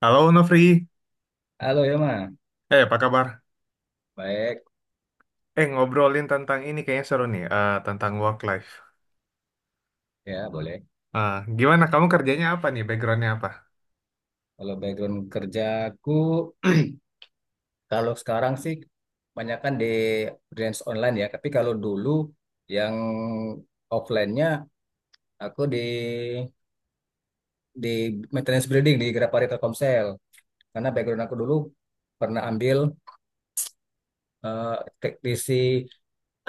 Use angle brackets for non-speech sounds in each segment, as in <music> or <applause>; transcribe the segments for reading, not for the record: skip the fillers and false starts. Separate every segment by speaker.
Speaker 1: Halo Nofri,
Speaker 2: Halo Yoma,
Speaker 1: apa kabar?
Speaker 2: baik
Speaker 1: Ngobrolin tentang ini kayaknya seru nih, tentang work life.
Speaker 2: ya boleh.
Speaker 1: Eh, gimana kamu kerjanya apa nih? Backgroundnya apa?
Speaker 2: Kalau background kerjaku, <clears throat> kalau sekarang sih kebanyakan di freelance online ya. Tapi kalau dulu yang offline-nya aku di maintenance building di Grapari Telkomsel. Karena background aku dulu pernah ambil eh, teknisi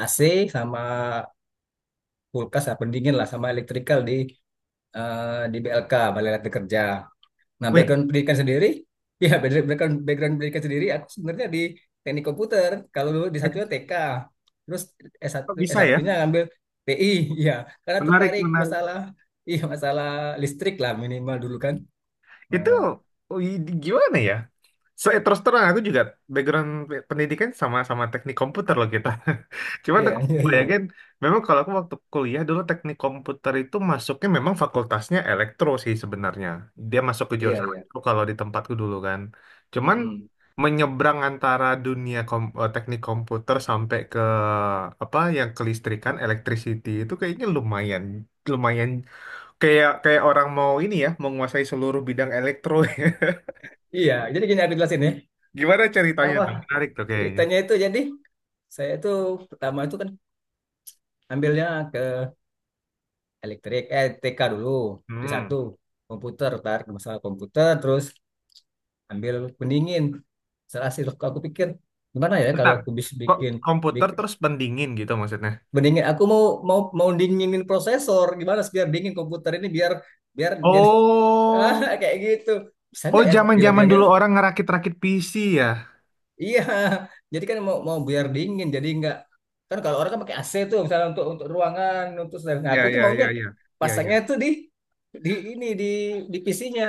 Speaker 2: AC sama kulkas, apa pendingin lah sama elektrikal di BLK, Balai Latihan Kerja. Nah,
Speaker 1: Wih,
Speaker 2: background pendidikan sendiri, <laughs> ya background background pendidikan sendiri aku sebenarnya di teknik komputer. Kalau dulu di satunya TK, terus s satu
Speaker 1: kok
Speaker 2: s
Speaker 1: bisa ya?
Speaker 2: S1-nya ngambil TI, ya <laughs> karena
Speaker 1: Menarik,
Speaker 2: tertarik
Speaker 1: menarik.
Speaker 2: masalah <laughs> iya masalah listrik lah minimal dulu kan.
Speaker 1: Itu
Speaker 2: Nah,
Speaker 1: wih, gimana ya? So, terus terang aku juga background pendidikan sama-sama teknik komputer loh kita. <laughs> Cuman
Speaker 2: iya,
Speaker 1: aku
Speaker 2: <laughs> iya, iya.
Speaker 1: bayangin, memang kalau aku waktu kuliah dulu teknik komputer itu masuknya memang fakultasnya elektro sih sebenarnya. Dia masuk ke
Speaker 2: Iya,
Speaker 1: jurusan
Speaker 2: iya.
Speaker 1: elektro kalau di tempatku dulu kan. Cuman
Speaker 2: Mm-mm.
Speaker 1: menyeberang antara dunia teknik komputer sampai ke apa yang kelistrikan, electricity itu kayaknya lumayan lumayan kayak kayak orang mau ini ya menguasai seluruh bidang elektro. <laughs>
Speaker 2: Iya, jadi gini aku jelasin ya.
Speaker 1: Gimana ceritanya
Speaker 2: Apa
Speaker 1: tuh? Menarik tuh kayaknya.
Speaker 2: ceritanya itu jadi saya itu pertama itu kan ambilnya ke elektrik, eh TK dulu di satu
Speaker 1: Hmm.
Speaker 2: komputer, tar masalah komputer terus ambil pendingin. Setelah hasil aku pikir gimana ya kalau
Speaker 1: Bentar.
Speaker 2: aku bisa
Speaker 1: Kok komputer
Speaker 2: bik-
Speaker 1: terus pendingin gitu maksudnya?
Speaker 2: pendingin. Aku mau mau mau dinginin prosesor gimana sih biar dingin komputer ini biar biar jadi <laughs> ah,
Speaker 1: Oh,
Speaker 2: kayak gitu. Bisa
Speaker 1: oh
Speaker 2: nggak ya aku
Speaker 1: zaman-zaman
Speaker 2: bilang
Speaker 1: dulu
Speaker 2: gitu.
Speaker 1: orang ngerakit-rakit PC ya?
Speaker 2: Iya. Jadi kan mau mau biar dingin jadi nggak kan kalau orang kan pakai AC tuh misalnya untuk ruangan untuk sedang. Nah, aku
Speaker 1: Ya,
Speaker 2: tuh
Speaker 1: ya,
Speaker 2: maunya
Speaker 1: ya, ya, ya,
Speaker 2: pasangnya
Speaker 1: ya.
Speaker 2: tuh di ini di PC-nya.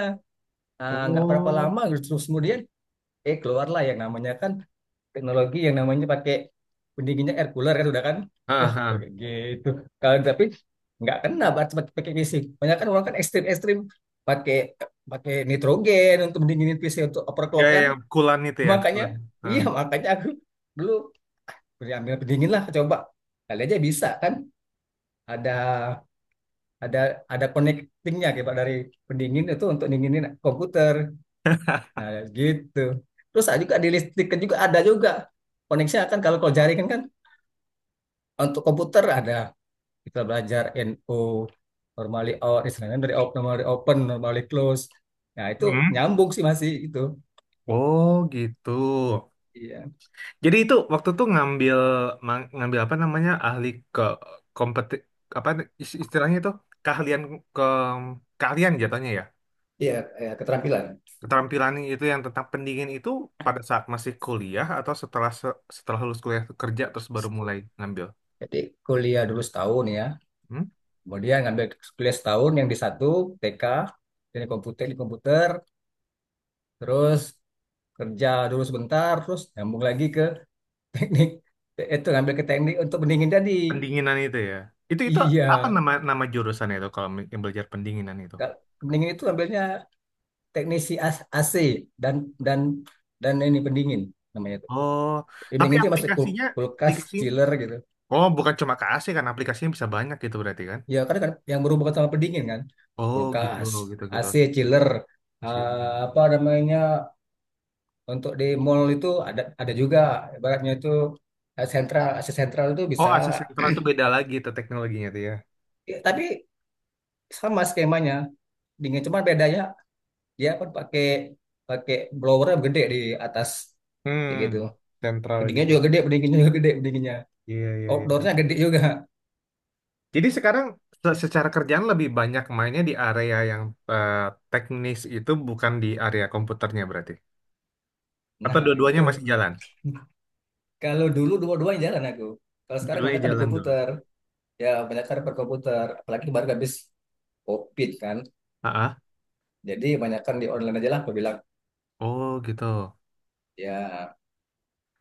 Speaker 2: Ah, nggak berapa
Speaker 1: Oh,
Speaker 2: lama terus kemudian keluarlah yang namanya kan teknologi yang namanya pakai pendinginnya air cooler kan sudah kan
Speaker 1: ah,
Speaker 2: wah
Speaker 1: ah.
Speaker 2: kayak gitu kalau tapi nggak kena berarti pakai pakai PC banyak kan orang kan ekstrim ekstrim pakai pakai nitrogen untuk mendinginin PC untuk
Speaker 1: Ya,
Speaker 2: overclock
Speaker 1: ya,
Speaker 2: kan
Speaker 1: yang kulan itu ya,
Speaker 2: makanya
Speaker 1: kulan. Ah.
Speaker 2: iya makanya aku dulu ambil pendingin lah coba kali aja bisa kan ada ada ada connectingnya kayak dari pendingin itu untuk dinginin komputer nah gitu terus ada juga di listrik kan juga ada juga koneksi kan kalau kalau jaringan kan untuk komputer ada kita belajar NO, normally out, istilahnya dari out, normally open, normally close. Nah, itu
Speaker 1: Hmm.
Speaker 2: nyambung sih masih itu.
Speaker 1: Oh, gitu.
Speaker 2: Iya.
Speaker 1: Jadi itu waktu tuh ngambil ngambil apa namanya ahli ke kompeti apa istilahnya itu keahlian ke keahlian jatuhnya ya?
Speaker 2: Iya, keterampilan.
Speaker 1: Keterampilan itu yang tentang pendingin itu pada saat masih kuliah atau setelah setelah lulus kuliah kerja terus baru mulai ngambil?
Speaker 2: Jadi kuliah dulu setahun ya.
Speaker 1: Hmm?
Speaker 2: Kemudian ngambil kuliah setahun yang di satu TK, jadi komputer di komputer, terus kerja dulu sebentar, terus nyambung lagi ke <laughs> teknik. Itu ngambil ke teknik untuk pendingin tadi.
Speaker 1: Pendinginan itu ya. Itu
Speaker 2: Iya.
Speaker 1: apa nama nama jurusan itu kalau yang belajar pendinginan itu?
Speaker 2: Pendingin itu ambilnya AC dan dan dan ini pendingin namanya itu.
Speaker 1: Oh,
Speaker 2: Ya,
Speaker 1: tapi
Speaker 2: pendingin itu masuk
Speaker 1: aplikasinya
Speaker 2: kulkas,
Speaker 1: aplikasinya.
Speaker 2: chiller gitu.
Speaker 1: Oh, bukan cuma ke AC kan aplikasinya bisa banyak gitu berarti kan?
Speaker 2: Ya karena kan yang berhubungan sama pendingin kan,
Speaker 1: Oh, gitu
Speaker 2: kulkas,
Speaker 1: gitu gitu.
Speaker 2: AC, chiller,
Speaker 1: Silakan.
Speaker 2: apa namanya untuk di mall itu ada juga ibaratnya itu sentral AC sentral itu
Speaker 1: Oh,
Speaker 2: bisa.
Speaker 1: AC sentral itu beda lagi itu teknologinya tuh ya.
Speaker 2: Ya, tapi sama skemanya dingin cuma bedanya dia kan pakai pakai blower gede di atas kayak gitu
Speaker 1: Hmm, sentral
Speaker 2: pendinginnya
Speaker 1: gitu
Speaker 2: juga
Speaker 1: ya.
Speaker 2: gede pendinginnya juga gede pendinginnya
Speaker 1: Iya, iya, iya, iya.
Speaker 2: outdoornya gede juga.
Speaker 1: Jadi sekarang secara kerjaan lebih banyak mainnya di area yang eh, teknis itu bukan di area komputernya berarti. Atau
Speaker 2: Nah,
Speaker 1: dua-duanya masih
Speaker 2: gitu.
Speaker 1: jalan?
Speaker 2: Kalau dulu dua-duanya jalan aku. Kalau sekarang
Speaker 1: Dua-duanya
Speaker 2: banyak kan di
Speaker 1: jalan dulu.
Speaker 2: komputer. Ya, banyak kan per komputer. Apalagi baru habis COVID kan.
Speaker 1: Ah,
Speaker 2: Jadi banyak kan di online aja lah aku bilang.
Speaker 1: oh gitu.
Speaker 2: Ya,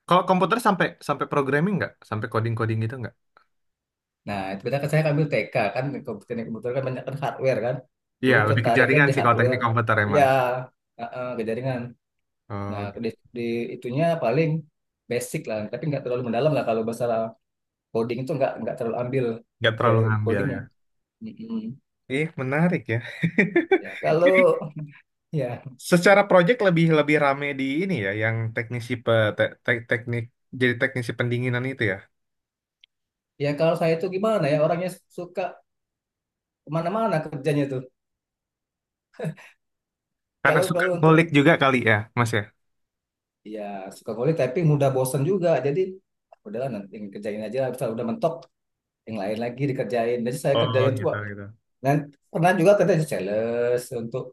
Speaker 1: Kalau komputer sampai sampai programming nggak? Sampai coding-coding gitu nggak?
Speaker 2: nah itu banyak kan saya ambil TK kan. Di komputer di komputer kan banyak kan hardware kan.
Speaker 1: Iya,
Speaker 2: Dulu
Speaker 1: lebih ke
Speaker 2: tertariknya
Speaker 1: jaringan
Speaker 2: di
Speaker 1: sih kalau teknik
Speaker 2: hardware.
Speaker 1: komputer
Speaker 2: Ya,
Speaker 1: emang.
Speaker 2: uh-uh, ke jaringan. Nah,
Speaker 1: Oh, gitu.
Speaker 2: di itunya paling basic lah. Tapi nggak terlalu mendalam lah kalau masalah coding itu nggak terlalu ambil
Speaker 1: Nggak
Speaker 2: ke
Speaker 1: terlalu ngambil
Speaker 2: codingnya.
Speaker 1: ya.
Speaker 2: Mm-mm.
Speaker 1: Ih, menarik ya. <laughs>
Speaker 2: Ya,
Speaker 1: Jadi
Speaker 2: kalau ya.
Speaker 1: secara project lebih lebih rame di ini ya, yang teknisi teknik jadi teknisi pendinginan itu ya.
Speaker 2: Ya kalau saya itu gimana ya orangnya suka kemana-mana kerjanya tuh.
Speaker 1: Karena
Speaker 2: Kalau
Speaker 1: suka
Speaker 2: kalau untuk
Speaker 1: ngulik juga kali ya, Mas ya.
Speaker 2: ya suka ngulik tapi mudah bosan juga. Jadi ah, udahlah nanti yang kerjain aja. Misal udah mentok yang lain lagi dikerjain. Jadi saya
Speaker 1: Oh
Speaker 2: kerjain tuh
Speaker 1: gitu
Speaker 2: Pak.
Speaker 1: gitu.
Speaker 2: Dan pernah juga kerja di sales untuk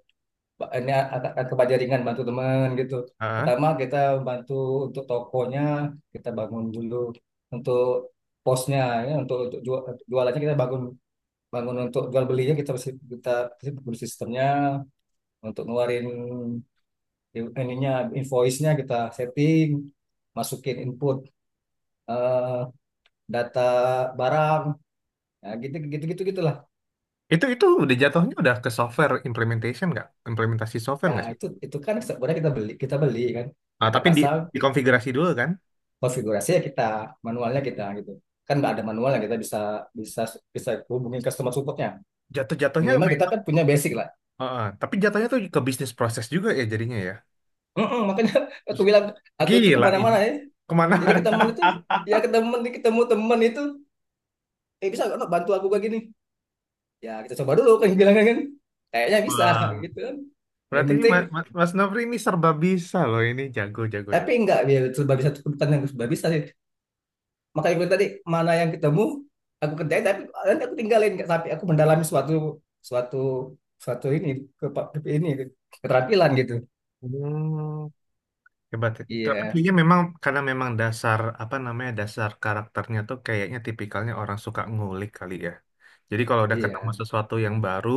Speaker 2: ini akan kebaja ringan bantu teman gitu.
Speaker 1: Ah,
Speaker 2: Pertama kita bantu untuk tokonya kita bangun dulu untuk posnya ya untuk jualannya kita bangun bangun untuk jual belinya kita kita, kita sistemnya untuk ngeluarin ininya invoice-nya kita setting masukin input eh, data barang ya gitu gitu gitu gitulah
Speaker 1: itu udah jatuhnya udah ke software implementation nggak? Implementasi software
Speaker 2: Ya
Speaker 1: nggak sih?
Speaker 2: itu kan sebenarnya kita beli kan
Speaker 1: Ah,
Speaker 2: kita
Speaker 1: tapi
Speaker 2: pasang
Speaker 1: dikonfigurasi dulu kan?
Speaker 2: konfigurasinya kita manualnya kita gitu kan nggak ada manualnya kita bisa bisa bisa hubungin customer supportnya
Speaker 1: Jatuh-jatuhnya.
Speaker 2: minimal kita kan punya basic lah.
Speaker 1: Ah, ah, tapi jatuhnya tuh ke bisnis proses juga ya jadinya ya.
Speaker 2: Mm-mm, makanya <laughs> aku bilang aku itu
Speaker 1: Gila ini.
Speaker 2: kemana-mana ya
Speaker 1: Kemana?
Speaker 2: jadi ke
Speaker 1: <laughs>
Speaker 2: teman itu ya ke teman ketemu teman itu eh bisa nggak Nok, bantu aku kayak gini ya kita coba dulu kan bilang kan kan. Kayaknya bisa
Speaker 1: Wah.
Speaker 2: gitu kan yang
Speaker 1: Berarti ini
Speaker 2: penting
Speaker 1: Mas Nofri ini serba bisa loh ini jago jago
Speaker 2: tapi
Speaker 1: jago.
Speaker 2: enggak ya serba bisa tuh bukan yang serba bisa sih makanya gue tadi mana yang ketemu aku kerjain tapi nanti aku tinggalin nggak sampai aku mendalami suatu suatu suatu ini ke, ke ini keterampilan gitu
Speaker 1: Hmm. Hebat ya. Tapi
Speaker 2: iya
Speaker 1: kayaknya memang karena memang dasar apa namanya dasar karakternya tuh kayaknya tipikalnya orang suka ngulik kali ya. Jadi kalau udah ketemu
Speaker 2: iya
Speaker 1: sesuatu yang baru,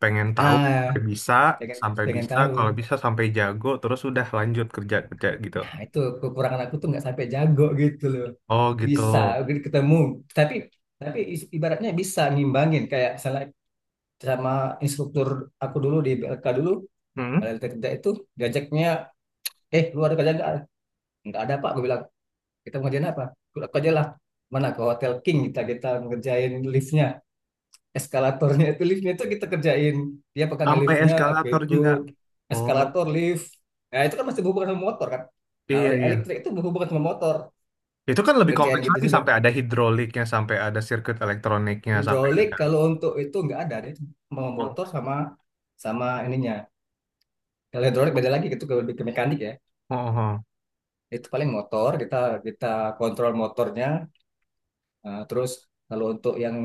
Speaker 1: pengen tahu
Speaker 2: ah pengen
Speaker 1: sampai
Speaker 2: pengen
Speaker 1: bisa,
Speaker 2: tahu
Speaker 1: kalau bisa sampai jago, terus udah lanjut kerja kerja gitu.
Speaker 2: nah itu kekurangan aku tuh nggak sampai jago gitu loh
Speaker 1: Oh gitu.
Speaker 2: bisa gitu ketemu tapi tapi ibaratnya bisa ngimbangin kayak misalnya sama instruktur aku dulu di BLK dulu
Speaker 1: Hmm?
Speaker 2: kalau kerja kerja itu diajaknya eh lu ada kerja nggak ada pak gue bilang kita mau kerjain apa aku aja lah mana ke Hotel King kita kita ngerjain liftnya eskalatornya itu liftnya itu kita kerjain dia pegang
Speaker 1: Sampai
Speaker 2: liftnya aku
Speaker 1: eskalator juga.
Speaker 2: ikut
Speaker 1: Oh
Speaker 2: eskalator lift nah itu kan masih berhubungan sama motor kan nah
Speaker 1: iya
Speaker 2: oleh
Speaker 1: iya.
Speaker 2: elektrik itu berhubungan sama motor
Speaker 1: Itu kan lebih
Speaker 2: ngerjain
Speaker 1: kompleks
Speaker 2: gitu
Speaker 1: lagi
Speaker 2: juga
Speaker 1: sampai ada hidroliknya, sampai ada sirkuit elektroniknya, sampai
Speaker 2: hidrolik
Speaker 1: ada.
Speaker 2: kalau untuk itu nggak ada dia cuma
Speaker 1: Oh,
Speaker 2: motor sama sama ininya kalau hidrolik beda lagi itu ke mekanik ya
Speaker 1: oh, oh.
Speaker 2: itu paling motor kita kita kontrol motornya terus kalau untuk yang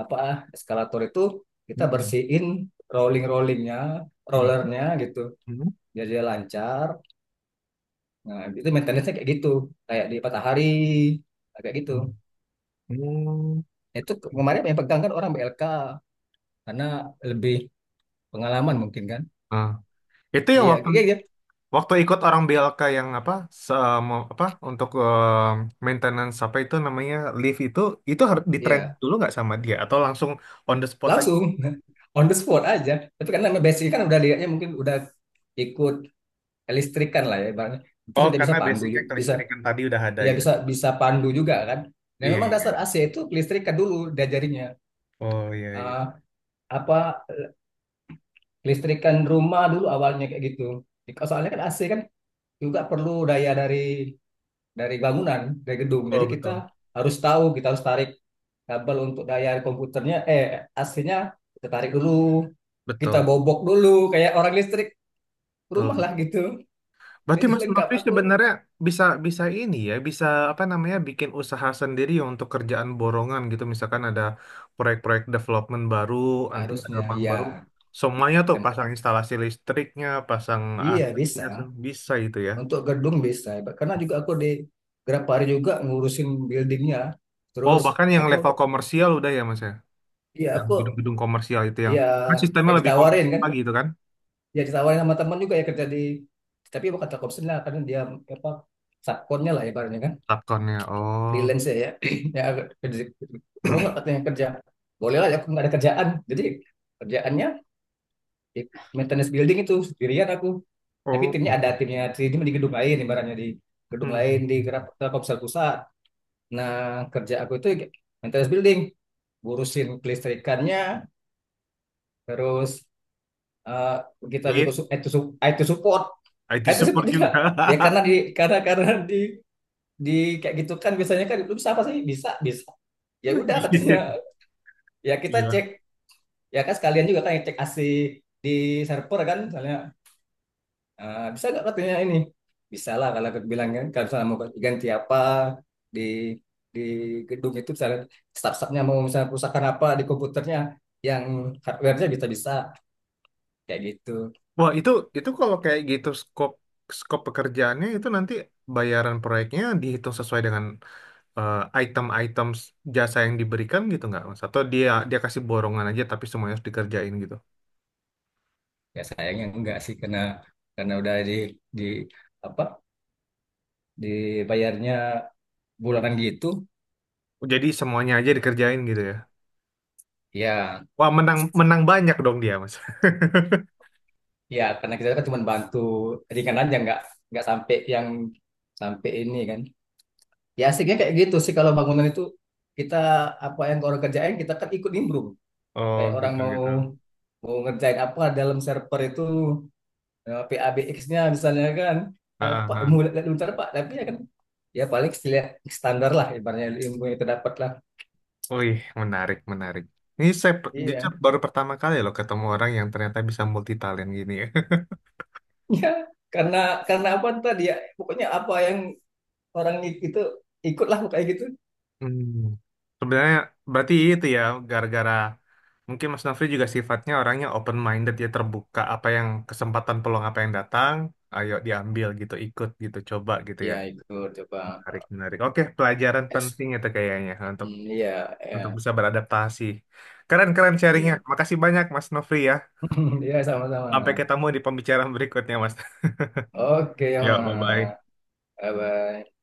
Speaker 2: apa ah, eskalator itu kita
Speaker 1: Hmm.
Speaker 2: bersihin rollingnya
Speaker 1: Hmm.
Speaker 2: rollernya gitu biar dia lancar nah itu maintenance-nya kayak gitu kayak di matahari kayak gitu
Speaker 1: Hmm. Hmm.
Speaker 2: itu kemarin yang pegang kan orang BLK karena lebih pengalaman mungkin kan
Speaker 1: Ah, itu yang
Speaker 2: iya
Speaker 1: waktu
Speaker 2: iya iya
Speaker 1: waktu ikut orang BLK yang apa se apa untuk maintenance apa itu namanya lift itu harus ditrain
Speaker 2: Iya.
Speaker 1: dulu nggak sama dia atau langsung on the spot aja.
Speaker 2: Langsung <laughs> on the spot aja tapi karena basic kan udah lihatnya mungkin udah ikut listrikan lah ya ibaratnya terus
Speaker 1: Oh,
Speaker 2: dia bisa
Speaker 1: karena basicnya
Speaker 2: bisa
Speaker 1: kelistrikan tadi udah ada
Speaker 2: ya
Speaker 1: gitu.
Speaker 2: bisa bisa pandu juga kan dan
Speaker 1: Iya,
Speaker 2: memang
Speaker 1: iya, iya.
Speaker 2: dasar AC itu listrikan dulu diajarinnya.
Speaker 1: Oh, iya,
Speaker 2: Eh,
Speaker 1: iya.
Speaker 2: apa listrikan rumah dulu awalnya kayak gitu. Jadi, soalnya kan AC kan juga perlu daya dari bangunan dari gedung
Speaker 1: Betul,
Speaker 2: jadi kita
Speaker 1: betul.
Speaker 2: harus tahu kita harus tarik kabel untuk daya komputernya AC-nya kita tarik dulu kita
Speaker 1: Betul,
Speaker 2: bobok dulu kayak orang listrik rumah
Speaker 1: betul.
Speaker 2: lah gitu
Speaker 1: Berarti
Speaker 2: jadi
Speaker 1: Mas
Speaker 2: lengkap
Speaker 1: Nofri
Speaker 2: aku
Speaker 1: sebenarnya bisa bisa ini ya, bisa apa namanya bikin usaha sendiri untuk kerjaan borongan gitu. Misalkan ada proyek-proyek development baru, nanti ada
Speaker 2: harusnya
Speaker 1: rumah
Speaker 2: ya.
Speaker 1: baru, semuanya tuh
Speaker 2: Tem-
Speaker 1: pasang instalasi listriknya, pasang
Speaker 2: iya bisa.
Speaker 1: AC-nya, bisa itu ya.
Speaker 2: Untuk gedung bisa, karena juga aku di Grapari juga ngurusin buildingnya.
Speaker 1: Oh
Speaker 2: Terus
Speaker 1: bahkan yang level
Speaker 2: aku,
Speaker 1: komersial udah ya Mas ya,
Speaker 2: ya
Speaker 1: yang
Speaker 2: aku,
Speaker 1: gedung-gedung komersial itu yang
Speaker 2: ya
Speaker 1: kan sistemnya
Speaker 2: kayak
Speaker 1: lebih kompleks
Speaker 2: ditawarin kan,
Speaker 1: lagi itu kan,
Speaker 2: ya ditawarin sama teman juga ya kerja di, tapi bukan kata Kopsen lah, karena dia apa subkonnya lah ibaratnya kan,
Speaker 1: subkonnya. Oh,
Speaker 2: freelance ya, <clears throat> ya kerja, mau nggak katanya kerja, boleh lah, ya, aku nggak ada kerjaan, jadi kerjaannya di maintenance building itu sendirian aku, tapi
Speaker 1: oh
Speaker 2: timnya ada
Speaker 1: gitu.
Speaker 2: timnya di gedung lain ibaratnya di gedung lain di
Speaker 1: <laughs>
Speaker 2: Telkomsel pusat. Nah, kerja aku itu maintenance building, ngurusin kelistrikannya, terus eh, kita juga
Speaker 1: Lift,
Speaker 2: IT, IT support,
Speaker 1: IT
Speaker 2: IT support
Speaker 1: support
Speaker 2: juga.
Speaker 1: juga.
Speaker 2: Ya karena di karena karena di kayak gitu kan biasanya kan lu bisa apa sih? Bisa, bisa. Ya udah katanya. Ya
Speaker 1: <laughs>
Speaker 2: kita cek,
Speaker 1: Gila.
Speaker 2: ya kan sekalian juga kan yang cek AC di server kan misalnya. Ah, bisa nggak katanya ini? Bisa lah kalau aku bilang kan. Kalau misalnya mau ganti apa di di gedung itu misalnya staff nya mau misalnya perusahaan apa di komputernya yang hardware-nya bisa bisa kayak gitu.
Speaker 1: Wah, itu kalau kayak gitu skop skop pekerjaannya itu nanti bayaran proyeknya dihitung sesuai dengan eh, item-item jasa yang diberikan gitu nggak, Mas? Atau dia dia kasih borongan aja tapi semuanya harus dikerjain gitu.
Speaker 2: Ya sayangnya enggak sih karena udah di apa dibayarnya bulanan gitu.
Speaker 1: Jadi semuanya aja dikerjain gitu ya.
Speaker 2: Ya
Speaker 1: Wah, menang menang banyak dong dia, Mas. <laughs>
Speaker 2: ya karena kita kan cuma bantu ringan aja nggak sampai yang sampai ini kan. Ya asiknya kayak gitu sih kalau bangunan itu kita apa yang orang kerjain kita kan ikut nimbrung.
Speaker 1: Oh,
Speaker 2: Kayak orang
Speaker 1: gitu
Speaker 2: mau
Speaker 1: gitu.
Speaker 2: mau ngerjain apa dalam server itu PABX-nya misalnya kan
Speaker 1: Ah, ah,
Speaker 2: apa mau
Speaker 1: ah.
Speaker 2: lihat bentar Pak tapi ya kan ya paling lihat standar lah ibaratnya ilmu yang terdapat lah.
Speaker 1: Wih, menarik, menarik. Ini saya jujur
Speaker 2: Iya. <laughs>
Speaker 1: baru pertama kali loh ketemu orang yang ternyata bisa multitalent gini ya. <laughs>
Speaker 2: Ya karena karena apa tadi ya pokoknya apa yang orang itu ikutlah kayak gitu.
Speaker 1: Hmm. Sebenarnya berarti itu ya gara-gara mungkin Mas Nafri juga sifatnya orangnya open minded ya terbuka apa yang kesempatan peluang apa yang datang, ayo diambil gitu, ikut gitu, coba gitu ya.
Speaker 2: Iya ikut coba.
Speaker 1: Menarik, menarik. Oke, pelajaran
Speaker 2: Eks-
Speaker 1: penting itu kayaknya untuk
Speaker 2: Iya, iya,
Speaker 1: bisa beradaptasi. Keren-keren sharingnya.
Speaker 2: iya.
Speaker 1: Makasih banyak Mas Nofri ya.
Speaker 2: <laughs> Iya. Ya,
Speaker 1: Sampai
Speaker 2: sama-sama.
Speaker 1: ketemu di pembicaraan berikutnya Mas. <laughs>
Speaker 2: Oke, ya,
Speaker 1: Ya, bye-bye.
Speaker 2: Mas. Bye bye.